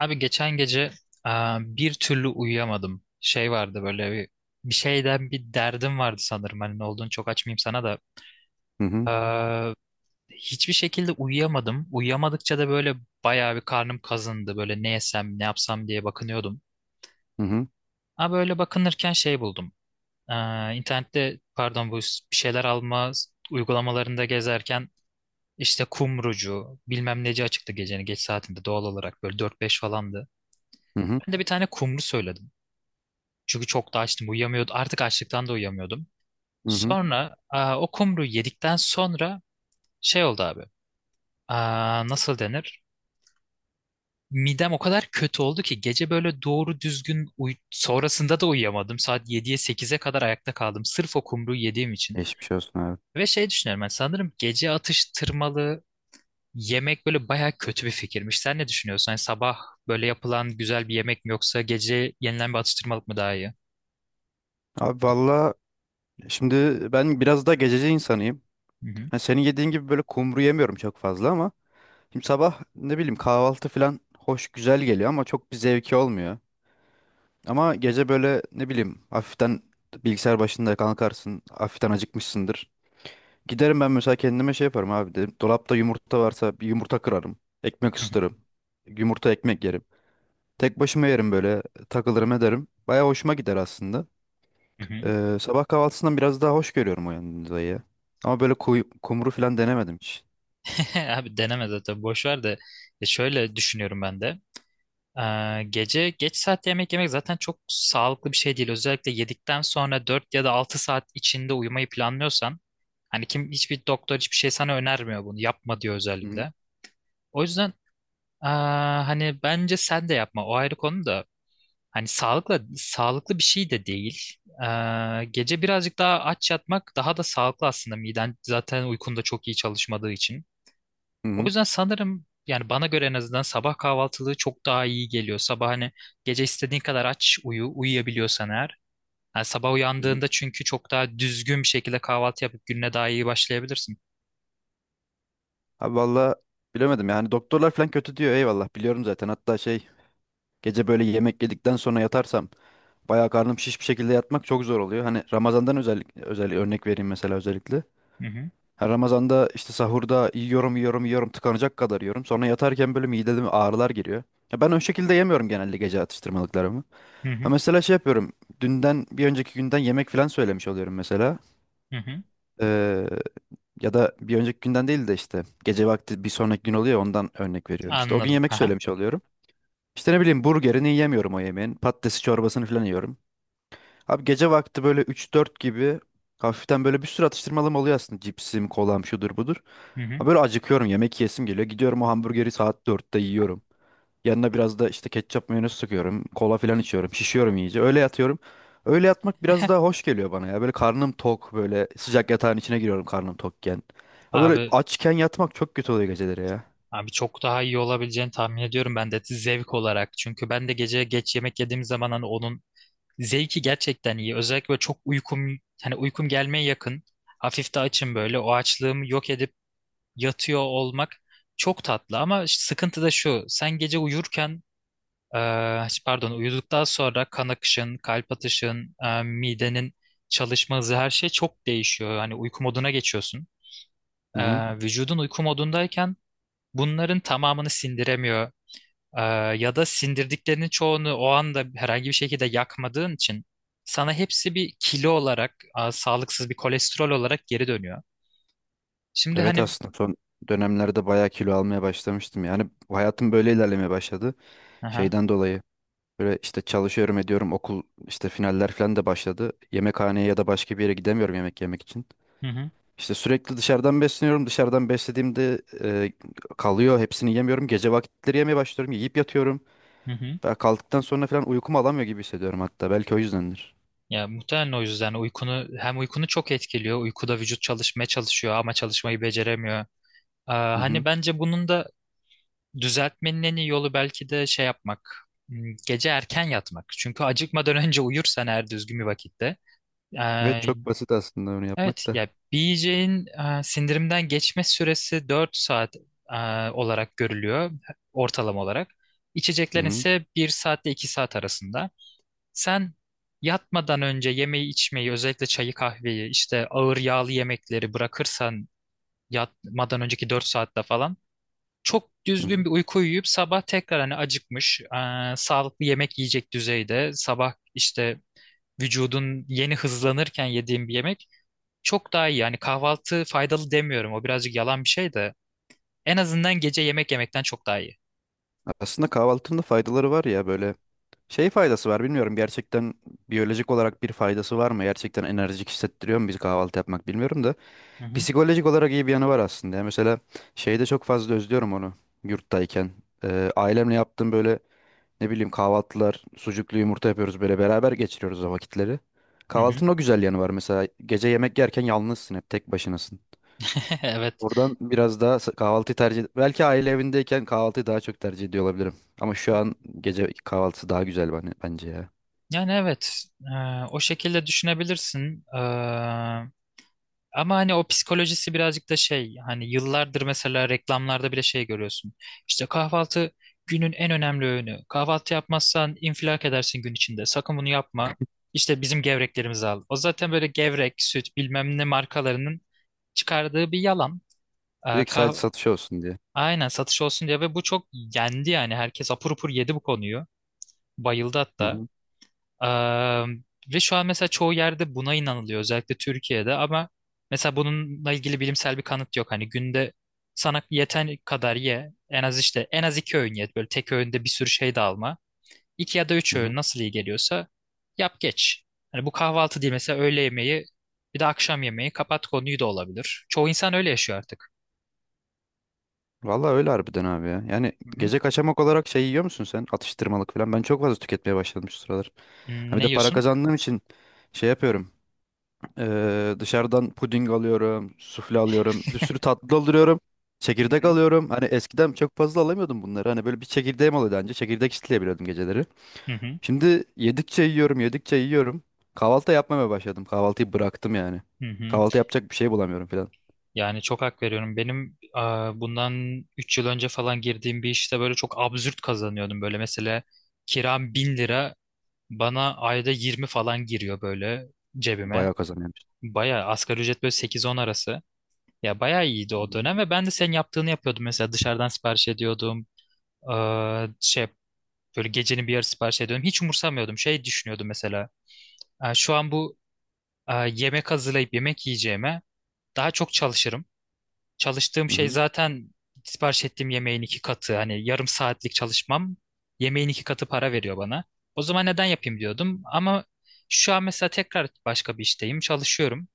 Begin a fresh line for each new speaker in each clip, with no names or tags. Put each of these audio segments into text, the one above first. Abi geçen gece bir türlü uyuyamadım. Şey vardı böyle bir şeyden bir derdim vardı sanırım. Hani ne olduğunu çok açmayayım sana da.
Hı hı,
Aa, Hiçbir şekilde uyuyamadım. Uyuyamadıkça da böyle bayağı bir karnım kazındı. Böyle ne yesem ne yapsam diye bakınıyordum.
hı hı,
Ama böyle bakınırken şey buldum. Aa, internette pardon bu bir şeyler alma uygulamalarında gezerken işte kumrucu bilmem neci açıktı gecenin geç saatinde doğal olarak böyle dört beş falandı.
hı hı,
Ben de bir tane kumru söyledim. Çünkü çok da açtım. Uyuyamıyordum. Artık açlıktan da uyuyamıyordum.
hı hı.
Sonra o kumru yedikten sonra şey oldu abi. Nasıl denir? Midem o kadar kötü oldu ki gece böyle doğru düzgün sonrasında da uyuyamadım. Saat yediye sekize kadar ayakta kaldım. Sırf o kumruyu yediğim için.
Geçmiş olsun abi.
Ve şey düşünüyorum ben sanırım gece atıştırmalı yemek böyle baya kötü bir fikirmiş. Sen ne düşünüyorsun? Hani sabah böyle yapılan güzel bir yemek mi yoksa gece yenilen bir atıştırmalık mı daha iyi?
Abi valla şimdi ben biraz da gececi insanıyım.
Hı hı.
Hani senin yediğin gibi böyle kumru yemiyorum çok fazla ama şimdi sabah ne bileyim kahvaltı falan hoş güzel geliyor ama çok bir zevki olmuyor. Ama gece böyle ne bileyim hafiften bilgisayar başında kalkarsın, hafiften acıkmışsındır. Giderim ben mesela kendime şey yaparım abi dedim. Dolapta yumurta varsa bir yumurta kırarım. Ekmek
Hı hı.
ısıtırım. Yumurta ekmek yerim. Tek başıma yerim böyle takılırım ederim. Baya hoşuma gider aslında.
Hı hı.
Sabah kahvaltısından biraz daha hoş görüyorum o yanındayı. Ama böyle kumru falan denemedim hiç.
Abi deneme zaten boş ver de Şöyle düşünüyorum ben de. Gece geç saatte yemek yemek zaten çok sağlıklı bir şey değil. Özellikle yedikten sonra 4 ya da 6 saat içinde uyumayı planlıyorsan hani kim hiçbir doktor hiçbir şey sana önermiyor bunu. Yapma diyor
Hı hı.
özellikle. O yüzden hani bence sen de yapma. O ayrı konu da hani sağlıkla sağlıklı bir şey de değil. Gece birazcık daha aç yatmak daha da sağlıklı aslında miden zaten uykunda çok iyi çalışmadığı için.
Hı
O
hı.
yüzden sanırım yani bana göre en azından sabah kahvaltılığı çok daha iyi geliyor. Sabah hani gece istediğin kadar aç uyu, uyuyabiliyorsan eğer. Yani sabah
Hı hı.
uyandığında çünkü çok daha düzgün bir şekilde kahvaltı yapıp gününe daha iyi başlayabilirsin.
Abi valla bilemedim yani doktorlar falan kötü diyor eyvallah biliyorum zaten. Hatta şey gece böyle yemek yedikten sonra yatarsam bayağı karnım şiş bir şekilde yatmak çok zor oluyor. Hani Ramazan'dan özellikle özel örnek vereyim mesela özellikle.
Hı hı,
Her Ramazan'da işte sahurda yiyorum yiyorum yiyorum tıkanacak kadar yiyorum. Sonra yatarken böyle mideme ağrılar giriyor. Ya ben o şekilde yemiyorum genelde gece atıştırmalıklarımı.
hı
Ha
hı,
mesela şey yapıyorum. Dünden bir önceki günden yemek falan söylemiş oluyorum mesela.
hı hı.
Ee, Ya da bir önceki günden değil de işte gece vakti bir sonraki gün oluyor ya, ondan örnek veriyorum. İşte o gün
Anladım.
yemek
Aha,
söylemiş oluyorum. İşte ne bileyim burgerini yemiyorum o yemeğin. Patatesi çorbasını falan yiyorum. Abi gece vakti böyle üç dört gibi hafiften böyle bir sürü atıştırmalım oluyor aslında. Cipsim, kolam şudur budur.
hı hı.
Ha böyle acıkıyorum yemek yiyesim geliyor. Gidiyorum o hamburgeri saat dörtte yiyorum. Yanına biraz da işte ketçap mayonez sıkıyorum. Kola falan içiyorum. Şişiyorum iyice. Öyle yatıyorum. Öyle yatmak biraz daha hoş geliyor bana ya. Böyle karnım tok böyle sıcak yatağın içine giriyorum karnım tokken. Ha böyle
Abi,
açken yatmak çok kötü oluyor geceleri ya.
abi, çok daha iyi olabileceğini tahmin ediyorum ben de zevk olarak. Çünkü ben de gece geç yemek yediğim zaman hani onun zevki gerçekten iyi. Özellikle böyle çok uykum, hani uykum gelmeye yakın. Hafif de açım böyle. O açlığımı yok edip yatıyor olmak çok tatlı ama sıkıntı da şu. Sen gece uyurken e, pardon uyuduktan sonra kan akışın, kalp atışın, midenin çalışma hızı her şey çok değişiyor. Hani uyku moduna geçiyorsun. E,
Hı-hı.
vücudun uyku modundayken bunların tamamını sindiremiyor. E, ya da sindirdiklerinin çoğunu o anda herhangi bir şekilde yakmadığın için sana hepsi bir kilo olarak, sağlıksız bir kolesterol olarak geri dönüyor. Şimdi
Evet
hani...
aslında son dönemlerde bayağı kilo almaya başlamıştım. Yani hayatım böyle ilerlemeye başladı.
Aha,
Şeyden dolayı. Böyle işte çalışıyorum ediyorum okul işte finaller falan da başladı. Yemekhaneye ya da başka bir yere gidemiyorum yemek yemek için.
hı hı,
İşte sürekli dışarıdan besleniyorum. Dışarıdan beslediğimde kalıyor. Hepsini yemiyorum. Gece vakitleri yemeye başlıyorum. Yiyip yatıyorum.
hı hı.
Ve kalktıktan sonra falan uykumu alamıyor gibi hissediyorum hatta. Belki o yüzdendir.
Ya muhtemelen o yüzden uykunu çok etkiliyor. Uykuda vücut çalışmaya çalışıyor ama çalışmayı beceremiyor.
Hı
Hani
hı.
bence bunun da düzeltmenin en iyi yolu belki de şey yapmak. Gece erken yatmak. Çünkü acıkmadan önce uyursan eğer düzgün bir vakitte.
Evet
ee,
çok basit aslında onu yapmak
evet
da.
ya bir yiyeceğin sindirimden geçme süresi 4 saat e, olarak görülüyor ortalama olarak.
Hı
İçeceklerin
hı.
ise 1 saatle 2 saat arasında. Sen yatmadan önce yemeği içmeyi, özellikle çayı kahveyi, işte ağır yağlı yemekleri bırakırsan yatmadan önceki 4 saatte falan çok
Hı
düzgün
hı.
bir uyku uyuyup sabah tekrar hani acıkmış, sağlıklı yemek yiyecek düzeyde sabah işte vücudun yeni hızlanırken yediğin bir yemek çok daha iyi. Yani kahvaltı faydalı demiyorum. O birazcık yalan bir şey de en azından gece yemek yemekten çok daha iyi.
Aslında kahvaltının da faydaları var ya böyle. Şey faydası var bilmiyorum gerçekten biyolojik olarak bir faydası var mı? Gerçekten enerjik hissettiriyor mu bizi kahvaltı yapmak bilmiyorum da.
Hı hı.
Psikolojik olarak iyi bir yanı var aslında. Yani mesela şeyde çok fazla özlüyorum onu yurttayken. Ailemle yaptığım böyle ne bileyim kahvaltılar, sucuklu yumurta yapıyoruz böyle beraber geçiriyoruz o vakitleri.
Hı hı.
Kahvaltının o güzel yanı var mesela. Gece yemek yerken yalnızsın hep tek başınasın.
Evet.
Oradan biraz daha kahvaltıyı tercih belki aile evindeyken kahvaltıyı daha çok tercih ediyor olabilirim. Ama şu an gece kahvaltısı daha güzel bana, bence ya.
Yani evet. O şekilde düşünebilirsin. Ama hani o psikolojisi birazcık da şey hani yıllardır mesela reklamlarda bile şey görüyorsun. İşte kahvaltı günün en önemli öğünü. Kahvaltı yapmazsan infilak edersin gün içinde. Sakın bunu yapma. İşte bizim gevreklerimizi al. O zaten böyle gevrek, süt bilmem ne markalarının çıkardığı bir yalan.
Direkt
Kah
sadece satış olsun diye.
Aynen satış olsun diye ve bu çok yendi yani. Herkes apur upur yedi bu konuyu. Bayıldı
Hı
hatta.
hı.
Eee, ve şu an mesela çoğu yerde buna inanılıyor özellikle Türkiye'de ama mesela bununla ilgili bilimsel bir kanıt yok. Hani günde sana yeten kadar ye en az işte en az iki öğün ye böyle tek öğünde bir sürü şey de alma. İki ya da üç
Hı
öğün
hı.
nasıl iyi geliyorsa yap geç. Hani bu kahvaltı değil mesela öğle yemeği bir de akşam yemeği kapat konuyu da olabilir. Çoğu insan öyle yaşıyor artık.
Vallahi öyle harbiden abi ya. Yani
Hı hı.
gece kaçamak olarak şey yiyor musun sen? Atıştırmalık falan. Ben çok fazla tüketmeye başladım şu sıralar. Ha
Hmm,
bir
Ne
de para
yiyorsun?
kazandığım için şey yapıyorum. Dışarıdan puding alıyorum, sufle alıyorum, bir sürü tatlı alıyorum,
Hı
çekirdek
hı.
alıyorum. Hani eskiden çok fazla alamıyordum bunları. Hani böyle bir çekirdeğim oluyordu önce çekirdek çitleyebiliyordum geceleri.
Hı hı.
Şimdi yedikçe yiyorum, yedikçe yiyorum. Kahvaltı yapmamaya başladım. Kahvaltıyı bıraktım yani.
Hı hı.
Kahvaltı yapacak bir şey bulamıyorum falan.
Yani çok hak veriyorum. Benim bundan 3 yıl önce falan girdiğim bir işte böyle çok absürt kazanıyordum. Böyle mesela kiram 1.000 lira bana ayda 20 falan giriyor böyle cebime.
Bayağı kazanıyormuş.
Baya asgari ücret böyle sekiz on arası. Ya baya iyiydi
Hı
o
hı.
dönem ve ben de senin yaptığını yapıyordum. Mesela dışarıdan sipariş ediyordum. E, şey böyle gecenin bir yarısı sipariş ediyordum. Hiç umursamıyordum. Şey düşünüyordum mesela. "Şu an bu yemek hazırlayıp yemek yiyeceğime daha çok çalışırım. Çalıştığım
Hı
şey
hı.
zaten sipariş ettiğim yemeğin iki katı. Hani yarım saatlik çalışmam yemeğin iki katı para veriyor bana. O zaman neden yapayım diyordum." Ama şu an mesela tekrar başka bir işteyim, çalışıyorum.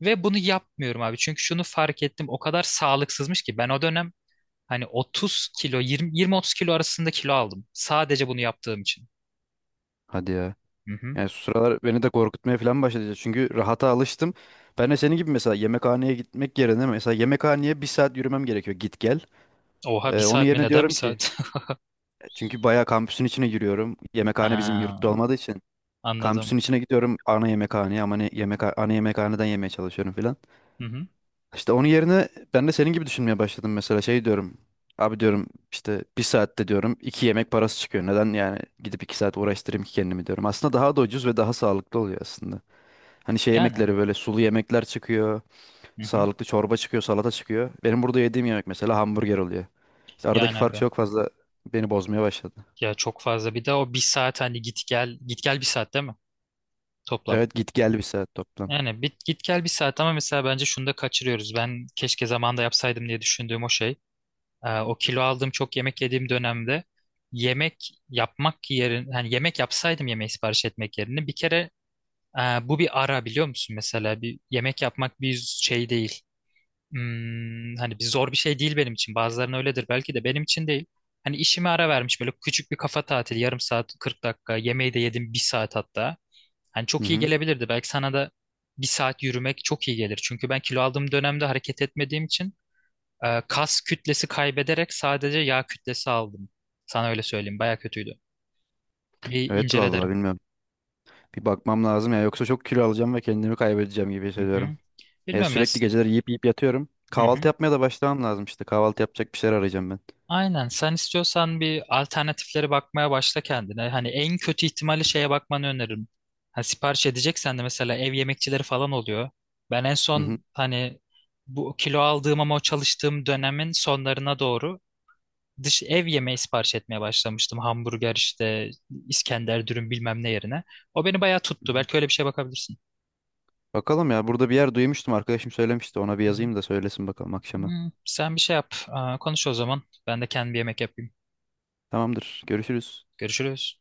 Ve bunu yapmıyorum abi. Çünkü şunu fark ettim. O kadar sağlıksızmış ki ben o dönem hani 30 kilo, 20, 20-30 kilo arasında kilo aldım. Sadece bunu yaptığım için.
Hadi ya.
Hı hı.
Yani şu sıralar beni de korkutmaya falan başladı. Çünkü rahata alıştım. Ben de senin gibi mesela yemekhaneye gitmek yerine mesela yemekhaneye bir saat yürümem gerekiyor git gel.
Oha bir
Onun
saat mi?
yerine
Neden bir
diyorum ki
saat?
çünkü bayağı kampüsün içine giriyorum. Yemekhane bizim
Ha,
yurtta olmadığı için.
anladım.
Kampüsün içine gidiyorum ana yemekhaneye ama yemek ana yemekhaneden yemeye çalışıyorum filan.
Hı hı.
İşte onun yerine ben de senin gibi düşünmeye başladım mesela şey diyorum. Abi diyorum işte bir saatte diyorum iki yemek parası çıkıyor. Neden yani gidip iki saat uğraştırayım ki kendimi diyorum. Aslında daha da ucuz ve daha sağlıklı oluyor aslında. Hani şey
Yani.
yemekleri böyle sulu yemekler çıkıyor.
Hı hı.
Sağlıklı çorba çıkıyor, salata çıkıyor. Benim burada yediğim yemek mesela hamburger oluyor. İşte aradaki
Yani
fark
abi.
çok fazla beni bozmaya başladı.
Ya çok fazla. Bir de o bir saat hani git gel git gel bir saat değil mi? Toplam.
Evet git gel bir saat toplam.
Yani git gel bir saat ama mesela bence şunu da kaçırıyoruz. Ben keşke zamanında yapsaydım diye düşündüğüm o şey. O kilo aldığım çok yemek yediğim dönemde yemek yapmak yerine hani yemek yapsaydım yemeği sipariş etmek yerine bir kere e, bu bir ara biliyor musun mesela bir yemek yapmak bir şey değil. Hani bir zor bir şey değil benim için. Bazılarının öyledir belki de benim için değil. Hani işime ara vermiş böyle küçük bir kafa tatili yarım saat 40 dakika yemeği de yedim bir saat hatta. Hani
Hı
çok iyi
hı.
gelebilirdi. Belki sana da bir saat yürümek çok iyi gelir. Çünkü ben kilo aldığım dönemde hareket etmediğim için kas kütlesi kaybederek sadece yağ kütlesi aldım. Sana öyle söyleyeyim. Baya kötüydü. Bir
Evet
incele
vallahi
derim.
bilmiyorum. Bir bakmam lazım ya yoksa çok kilo alacağım ve kendimi kaybedeceğim gibi
Hı
hissediyorum.
hı. Bilmiyorum ya.
Sürekli geceleri yiyip yiyip yatıyorum.
Hı
Kahvaltı
hı.
yapmaya da başlamam lazım işte. Kahvaltı yapacak bir şeyler arayacağım ben.
Aynen. Sen istiyorsan bir alternatiflere bakmaya başla kendine. Hani en kötü ihtimali şeye bakmanı öneririm. Ha, sipariş edeceksen de mesela ev yemekçileri falan oluyor. Ben en
Hı hı.
son hani bu kilo aldığım ama o çalıştığım dönemin sonlarına doğru dış ev yemeği sipariş etmeye başlamıştım. Hamburger işte İskender dürüm bilmem ne yerine. O beni bayağı
Hı
tuttu.
hı.
Belki öyle bir şeye bakabilirsin.
Bakalım ya burada bir yer duymuştum arkadaşım söylemişti. Ona bir
Hı hı.
yazayım da söylesin bakalım akşama.
Sen bir şey yap. Konuş o zaman. Ben de kendi bir yemek yapayım.
Tamamdır. Görüşürüz.
Görüşürüz.